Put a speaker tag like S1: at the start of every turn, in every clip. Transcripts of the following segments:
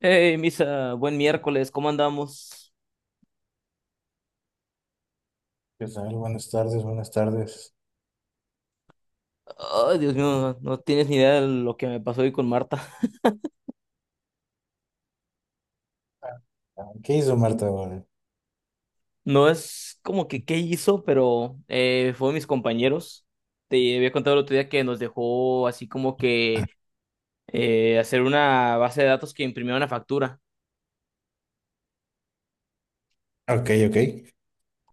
S1: Hey, Misa, buen miércoles, ¿cómo andamos?
S2: ¿Qué tal? Buenas tardes, buenas tardes.
S1: Ay, Dios mío, no tienes ni idea de lo que me pasó hoy con Marta.
S2: Ah, ¿qué hizo Marta ahora?
S1: No es como que qué hizo, pero fue mis compañeros. Te había contado el otro día que nos dejó así como que hacer una base de datos que imprimió una factura.
S2: Ok, ok.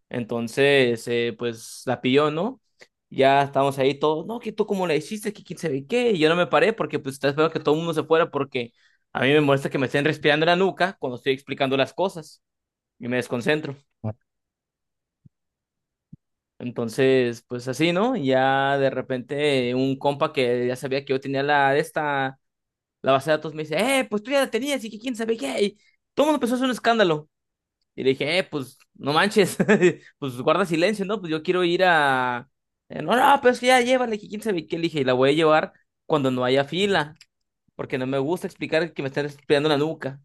S1: Entonces, pues la pilló, ¿no? Ya estábamos ahí todos, no, que tú cómo la hiciste, que quién sabe qué. Y yo no me paré porque pues estaba esperando que todo el mundo se fuera porque a mí me molesta que me estén respirando en la nuca cuando estoy explicando las cosas, y me desconcentro. Entonces, pues así, ¿no? Y ya de repente un compa que ya sabía que yo tenía la de esta, la base de datos me dice, pues tú ya la tenías y que quién sabe qué. Y todo el mundo empezó a hacer un escándalo. Y le dije, pues no manches, pues guarda silencio, ¿no? Pues yo quiero ir a... No, no, pues ya llévale, que quién sabe qué. Le dije, y la voy a llevar cuando no haya fila, porque no me gusta explicar que me están espiando la nuca.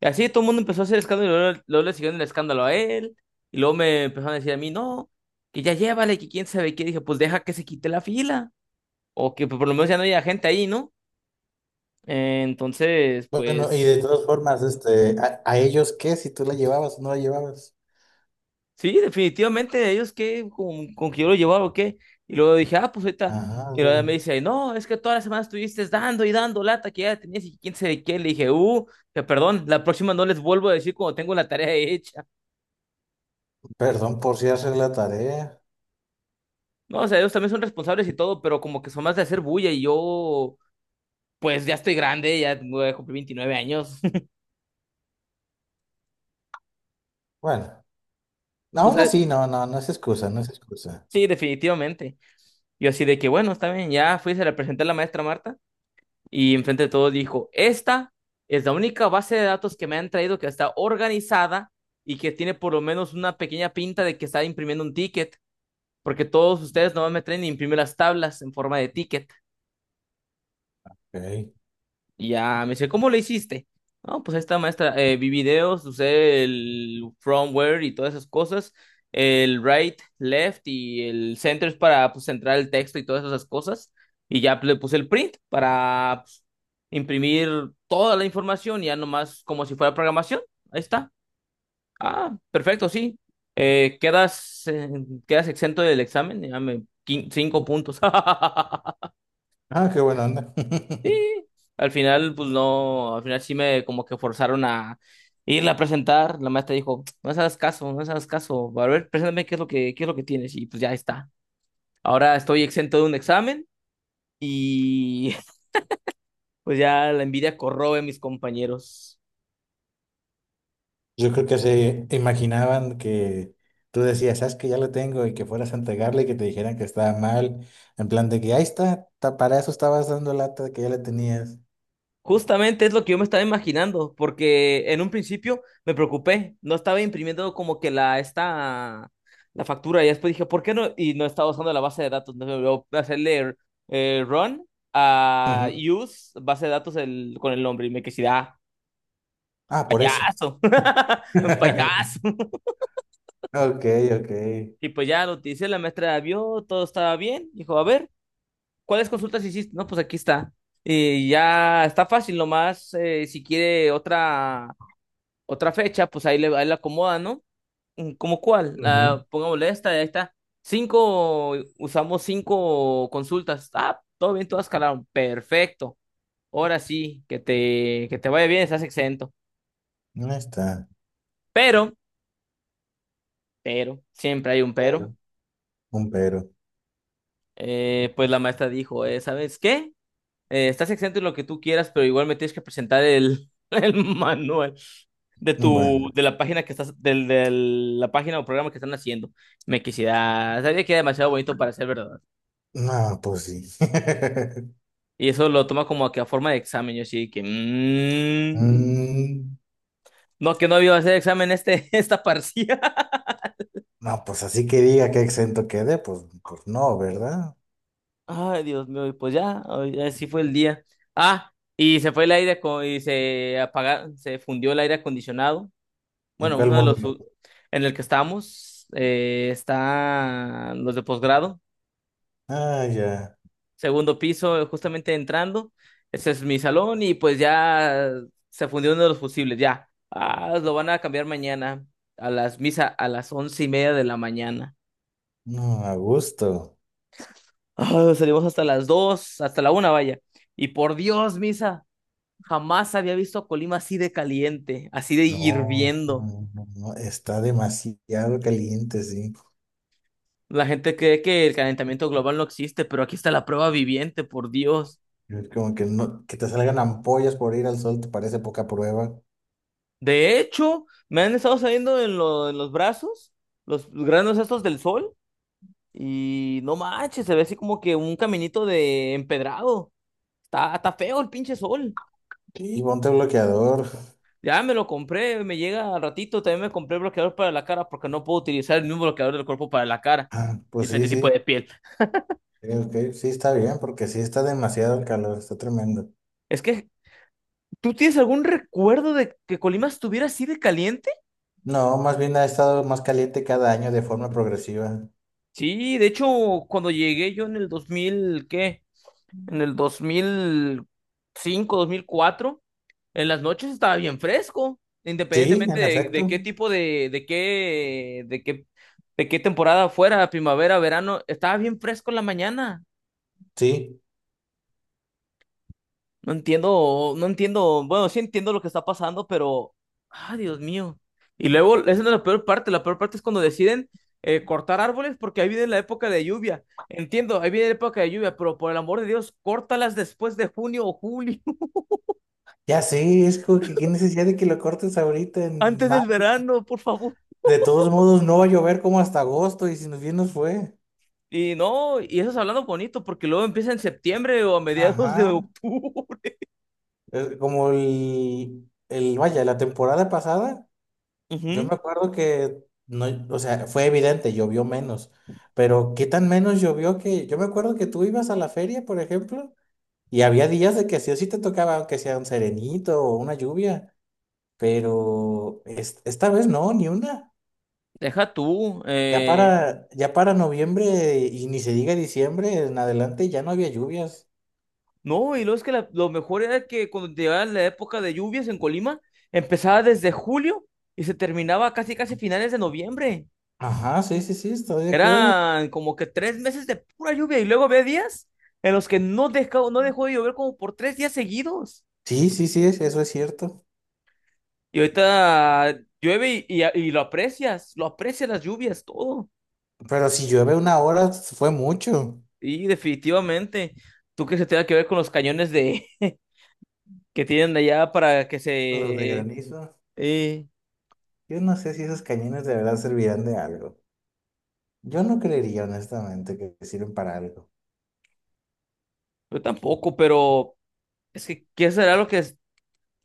S1: Y así todo el mundo empezó a hacer escándalo y luego, luego le siguieron el escándalo a él. Y luego me empezaron a decir a mí, no, que ya llévale, que quién sabe qué. Dije, pues deja que se quite la fila. O que pues, por lo menos ya no haya gente ahí, ¿no? Entonces,
S2: Bueno, y de
S1: pues
S2: todas formas, este, a ellos qué? Si tú la llevabas o no la llevabas.
S1: sí, definitivamente ellos que con, que yo lo llevaba o qué. Y luego dije, ah, pues ahorita.
S2: Ajá, o
S1: Y luego
S2: sea,
S1: me dice, no, es que todas las semanas estuviste dando y dando lata que ya tenías y quién sabe qué. Le dije, que perdón, la próxima no les vuelvo a decir cuando tengo la tarea hecha.
S2: perdón por si hacer la tarea.
S1: No, o sea, ellos también son responsables y todo, pero como que son más de hacer bulla y yo, pues ya estoy grande, ya cumplí 29 años.
S2: Bueno, no, aún
S1: Entonces,
S2: así, no, no, no es excusa, no es excusa.
S1: sí, definitivamente. Yo así de que, bueno, está bien, ya fui, se la presenté a la maestra Marta y enfrente de todos dijo, esta es la única base de datos que me han traído que está organizada y que tiene por lo menos una pequeña pinta de que está imprimiendo un ticket, porque todos ustedes no me traen ni imprimen las tablas en forma de ticket.
S2: Ok.
S1: Y ya me dice, ¿cómo lo hiciste? No, pues esta maestra, vi videos, usé el firmware y todas esas cosas, el right, left y el center es para pues, centrar el texto y todas esas cosas. Y ya pues, le puse el print para pues, imprimir toda la información, ya nomás como si fuera programación. Ahí está. Ah, perfecto, sí. Quedas, quedas exento del examen, ya me, cinco puntos.
S2: Ah, qué buena onda.
S1: Y al final, pues no, al final sí me como que forzaron a irla a presentar. La maestra dijo, no les hagas caso, no les hagas caso. A ver, preséntame qué es lo que, qué es lo que tienes. Y pues ya está. Ahora estoy exento de un examen y pues ya la envidia corroe a mis compañeros.
S2: Yo creo que se imaginaban que tú decías, sabes que ya lo tengo y que fueras a entregarle y que te dijeran que estaba mal, en plan de que ahí está, para eso estabas dando lata de que ya la tenías.
S1: Justamente es lo que yo me estaba imaginando, porque en un principio me preocupé, no estaba imprimiendo como que la esta la factura y después dije, ¿por qué no? Y no estaba usando la base de datos, no me voy a hacerle run a use base de datos con el nombre y me quedé, ah,
S2: Ah, por eso.
S1: payaso, payaso.
S2: Ok, ok.
S1: Y pues ya lo utilicé, la maestra vio, todo estaba bien, dijo, a ver, ¿cuáles consultas hiciste? No, pues aquí está. Y ya está fácil, nomás si quiere otra fecha, pues ahí le, ahí la acomoda, ¿no? Mm, ¿cómo cuál?
S2: Ujú.
S1: La, pongámosle esta, ahí está. Cinco, usamos cinco consultas. Ah, todo bien, todas calaron. Perfecto. Ahora sí, que te vaya bien, estás exento.
S2: No está.
S1: Pero, pero, siempre hay un pero.
S2: Pero, un pero.
S1: Pues la maestra dijo, ¿sabes qué? Estás exento en lo que tú quieras, pero igual me tienes que presentar el, el manual de tu,
S2: Bueno,
S1: de la página que estás, del, de la página o programa que están haciendo. Me quisiera, sabía que era demasiado bonito para ser verdad.
S2: no, pues sí.
S1: Y eso lo toma como que a forma de examen, yo sí que, mm,
S2: Mm,
S1: no, que no iba a hacer examen esta parcial.
S2: no, pues así que diga que exento quede, pues, pues no, ¿verdad?
S1: Ay, Dios mío, y pues ya, ay, así fue el día. Ah, y se fue el aire, y se apagaron, se fundió el aire acondicionado.
S2: ¿En
S1: Bueno,
S2: cuál
S1: uno de los
S2: módulo?
S1: u- en el que estamos, están los de posgrado,
S2: Ah, ya.
S1: segundo piso, justamente entrando. Ese es mi salón y pues ya se fundió uno de los fusibles, ya. Ah, lo van a cambiar mañana a las misa a las once y media de la mañana.
S2: No, a gusto.
S1: Ah, salimos hasta las dos, hasta la una, vaya. Y por Dios, misa, jamás había visto a Colima así de caliente, así de
S2: No,
S1: hirviendo.
S2: no, no, no, está demasiado caliente, sí.
S1: La gente cree que el calentamiento global no existe, pero aquí está la prueba viviente, por Dios.
S2: Es como que no, que te salgan ampollas por ir al sol, te parece poca prueba.
S1: De hecho, me han estado saliendo en, en los brazos, los granos estos del sol, y no manches, se ve así como que un caminito de empedrado. Está, está feo el pinche sol.
S2: Sí, ponte bloqueador.
S1: Ya me lo compré, me llega al ratito. También me compré bloqueador para la cara porque no puedo utilizar el mismo bloqueador del cuerpo para la cara.
S2: Ah, pues sí,
S1: Diferente tipo
S2: sí.
S1: de piel.
S2: Sí, ok, sí está bien, porque sí está demasiado el calor, está tremendo.
S1: Es que, ¿tú tienes algún recuerdo de que Colima estuviera así de caliente?
S2: No, más bien ha estado más caliente cada año de forma progresiva.
S1: Sí, de hecho, cuando llegué yo en el 2000, ¿qué? En el dos mil cinco, dos mil cuatro, en las noches estaba bien fresco,
S2: Sí,
S1: independientemente
S2: en
S1: de
S2: efecto,
S1: qué tipo de, de qué temporada fuera, primavera, verano, estaba bien fresco en la mañana.
S2: sí.
S1: No entiendo, no entiendo, bueno, sí entiendo lo que está pasando, pero, ah, Dios mío. Y luego, esa no es la peor parte es cuando deciden cortar árboles porque ahí viene la época de lluvia. Entiendo, ahí viene la época de lluvia, pero por el amor de Dios, córtalas después de junio o julio,
S2: Ya sí, es como que qué necesidad de que lo cortes ahorita en
S1: antes del
S2: mayo.
S1: verano, por favor.
S2: De todos modos, no va a llover como hasta agosto y si nos bien nos fue.
S1: Y no, y eso es hablando bonito, porque luego empieza en septiembre o a mediados de
S2: Ajá.
S1: octubre.
S2: Es como el, vaya, la temporada pasada, yo
S1: Ujú,
S2: me acuerdo que no, o sea, fue evidente, llovió menos. Pero qué tan menos llovió que, yo me acuerdo que tú ibas a la feria, por ejemplo. Y había días de que sí o sí te tocaba, aunque sea un serenito o una lluvia, pero esta vez no, ni una.
S1: deja tú.
S2: Ya para, ya para noviembre y ni se diga diciembre, en adelante ya no había lluvias.
S1: No, y luego es que lo mejor era que cuando llegaba la época de lluvias en Colima, empezaba desde julio y se terminaba casi casi finales de noviembre.
S2: Ajá, sí, sí, sí, estoy de acuerdo.
S1: Eran como que tres meses de pura lluvia y luego había días en los que no dejó de llover como por tres días seguidos.
S2: Sí, sí, sí, eso es cierto.
S1: Y ahorita llueve y lo aprecias las lluvias, todo.
S2: Pero si llueve una hora, fue mucho.
S1: Y definitivamente, tú crees que se tenga que ver con los cañones de que tienen allá para que
S2: Los de
S1: se...
S2: granizo.
S1: Eh,
S2: Yo no sé si esos cañones de verdad servirán de algo. Yo no creería honestamente que sirven para algo.
S1: yo tampoco, pero es que, ¿qué será lo que es?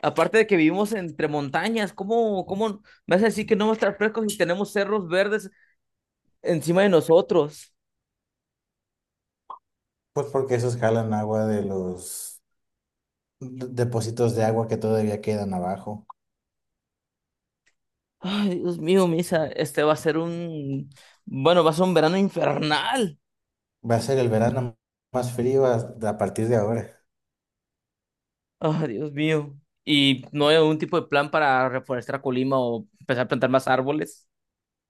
S1: Aparte de que vivimos entre montañas, ¿cómo me hace decir que no va a estar fresco si tenemos cerros verdes encima de nosotros?
S2: Pues porque esos jalan agua de los depósitos de agua que todavía quedan abajo.
S1: Ay, Dios mío, Misa, este va a ser un... Bueno, va a ser un verano infernal.
S2: Va a ser el verano más frío a partir de ahora.
S1: Ay, Dios mío. ¿Y no hay algún tipo de plan para reforestar Colima o empezar a plantar más árboles?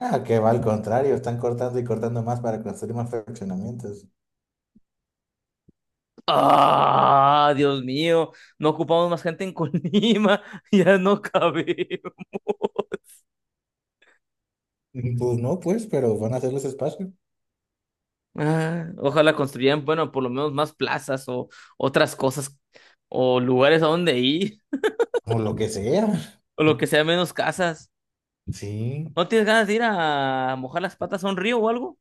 S2: Ah, que va al contrario, están cortando y cortando más para construir más fraccionamientos.
S1: Ah, Dios mío, no ocupamos más gente en Colima, ya no cabemos.
S2: Pues no, pues, pero van a hacer los espacios.
S1: Ah, ojalá construyan, bueno, por lo menos más plazas o otras cosas o lugares a donde ir
S2: O lo que sea.
S1: o lo que sea menos casas.
S2: Sí,
S1: ¿No tienes ganas de ir a mojar las patas a un río o algo?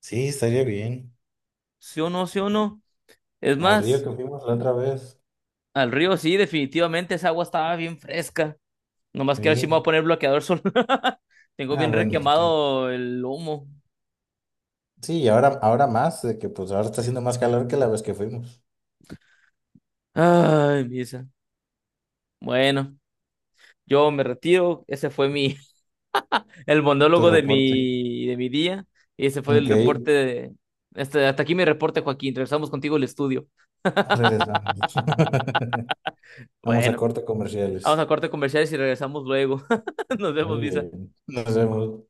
S2: sí, estaría bien.
S1: Sí o no, sí o no. Es
S2: Al río
S1: más,
S2: que fuimos la otra vez.
S1: al río sí, definitivamente esa agua estaba bien fresca. Nomás que ahora sí me voy a
S2: Sí.
S1: poner bloqueador solar. Tengo
S2: Ah,
S1: bien
S2: bueno, sí.
S1: requemado el lomo.
S2: Sí, y ahora, ahora más, de que pues ahora está haciendo más calor que la vez que fuimos.
S1: Ay, misa. Bueno. Yo me retiro, ese fue mi, el
S2: Tu
S1: monólogo de
S2: reporte.
S1: mi día y ese fue el
S2: Ok,
S1: reporte de, este, hasta aquí mi reporte, Joaquín. Regresamos contigo al estudio.
S2: regresamos. Vamos a
S1: Bueno,
S2: corte
S1: vamos
S2: comerciales.
S1: a corte comerciales y regresamos luego. Nos vemos,
S2: Muy
S1: Lisa.
S2: bien. Nos vemos.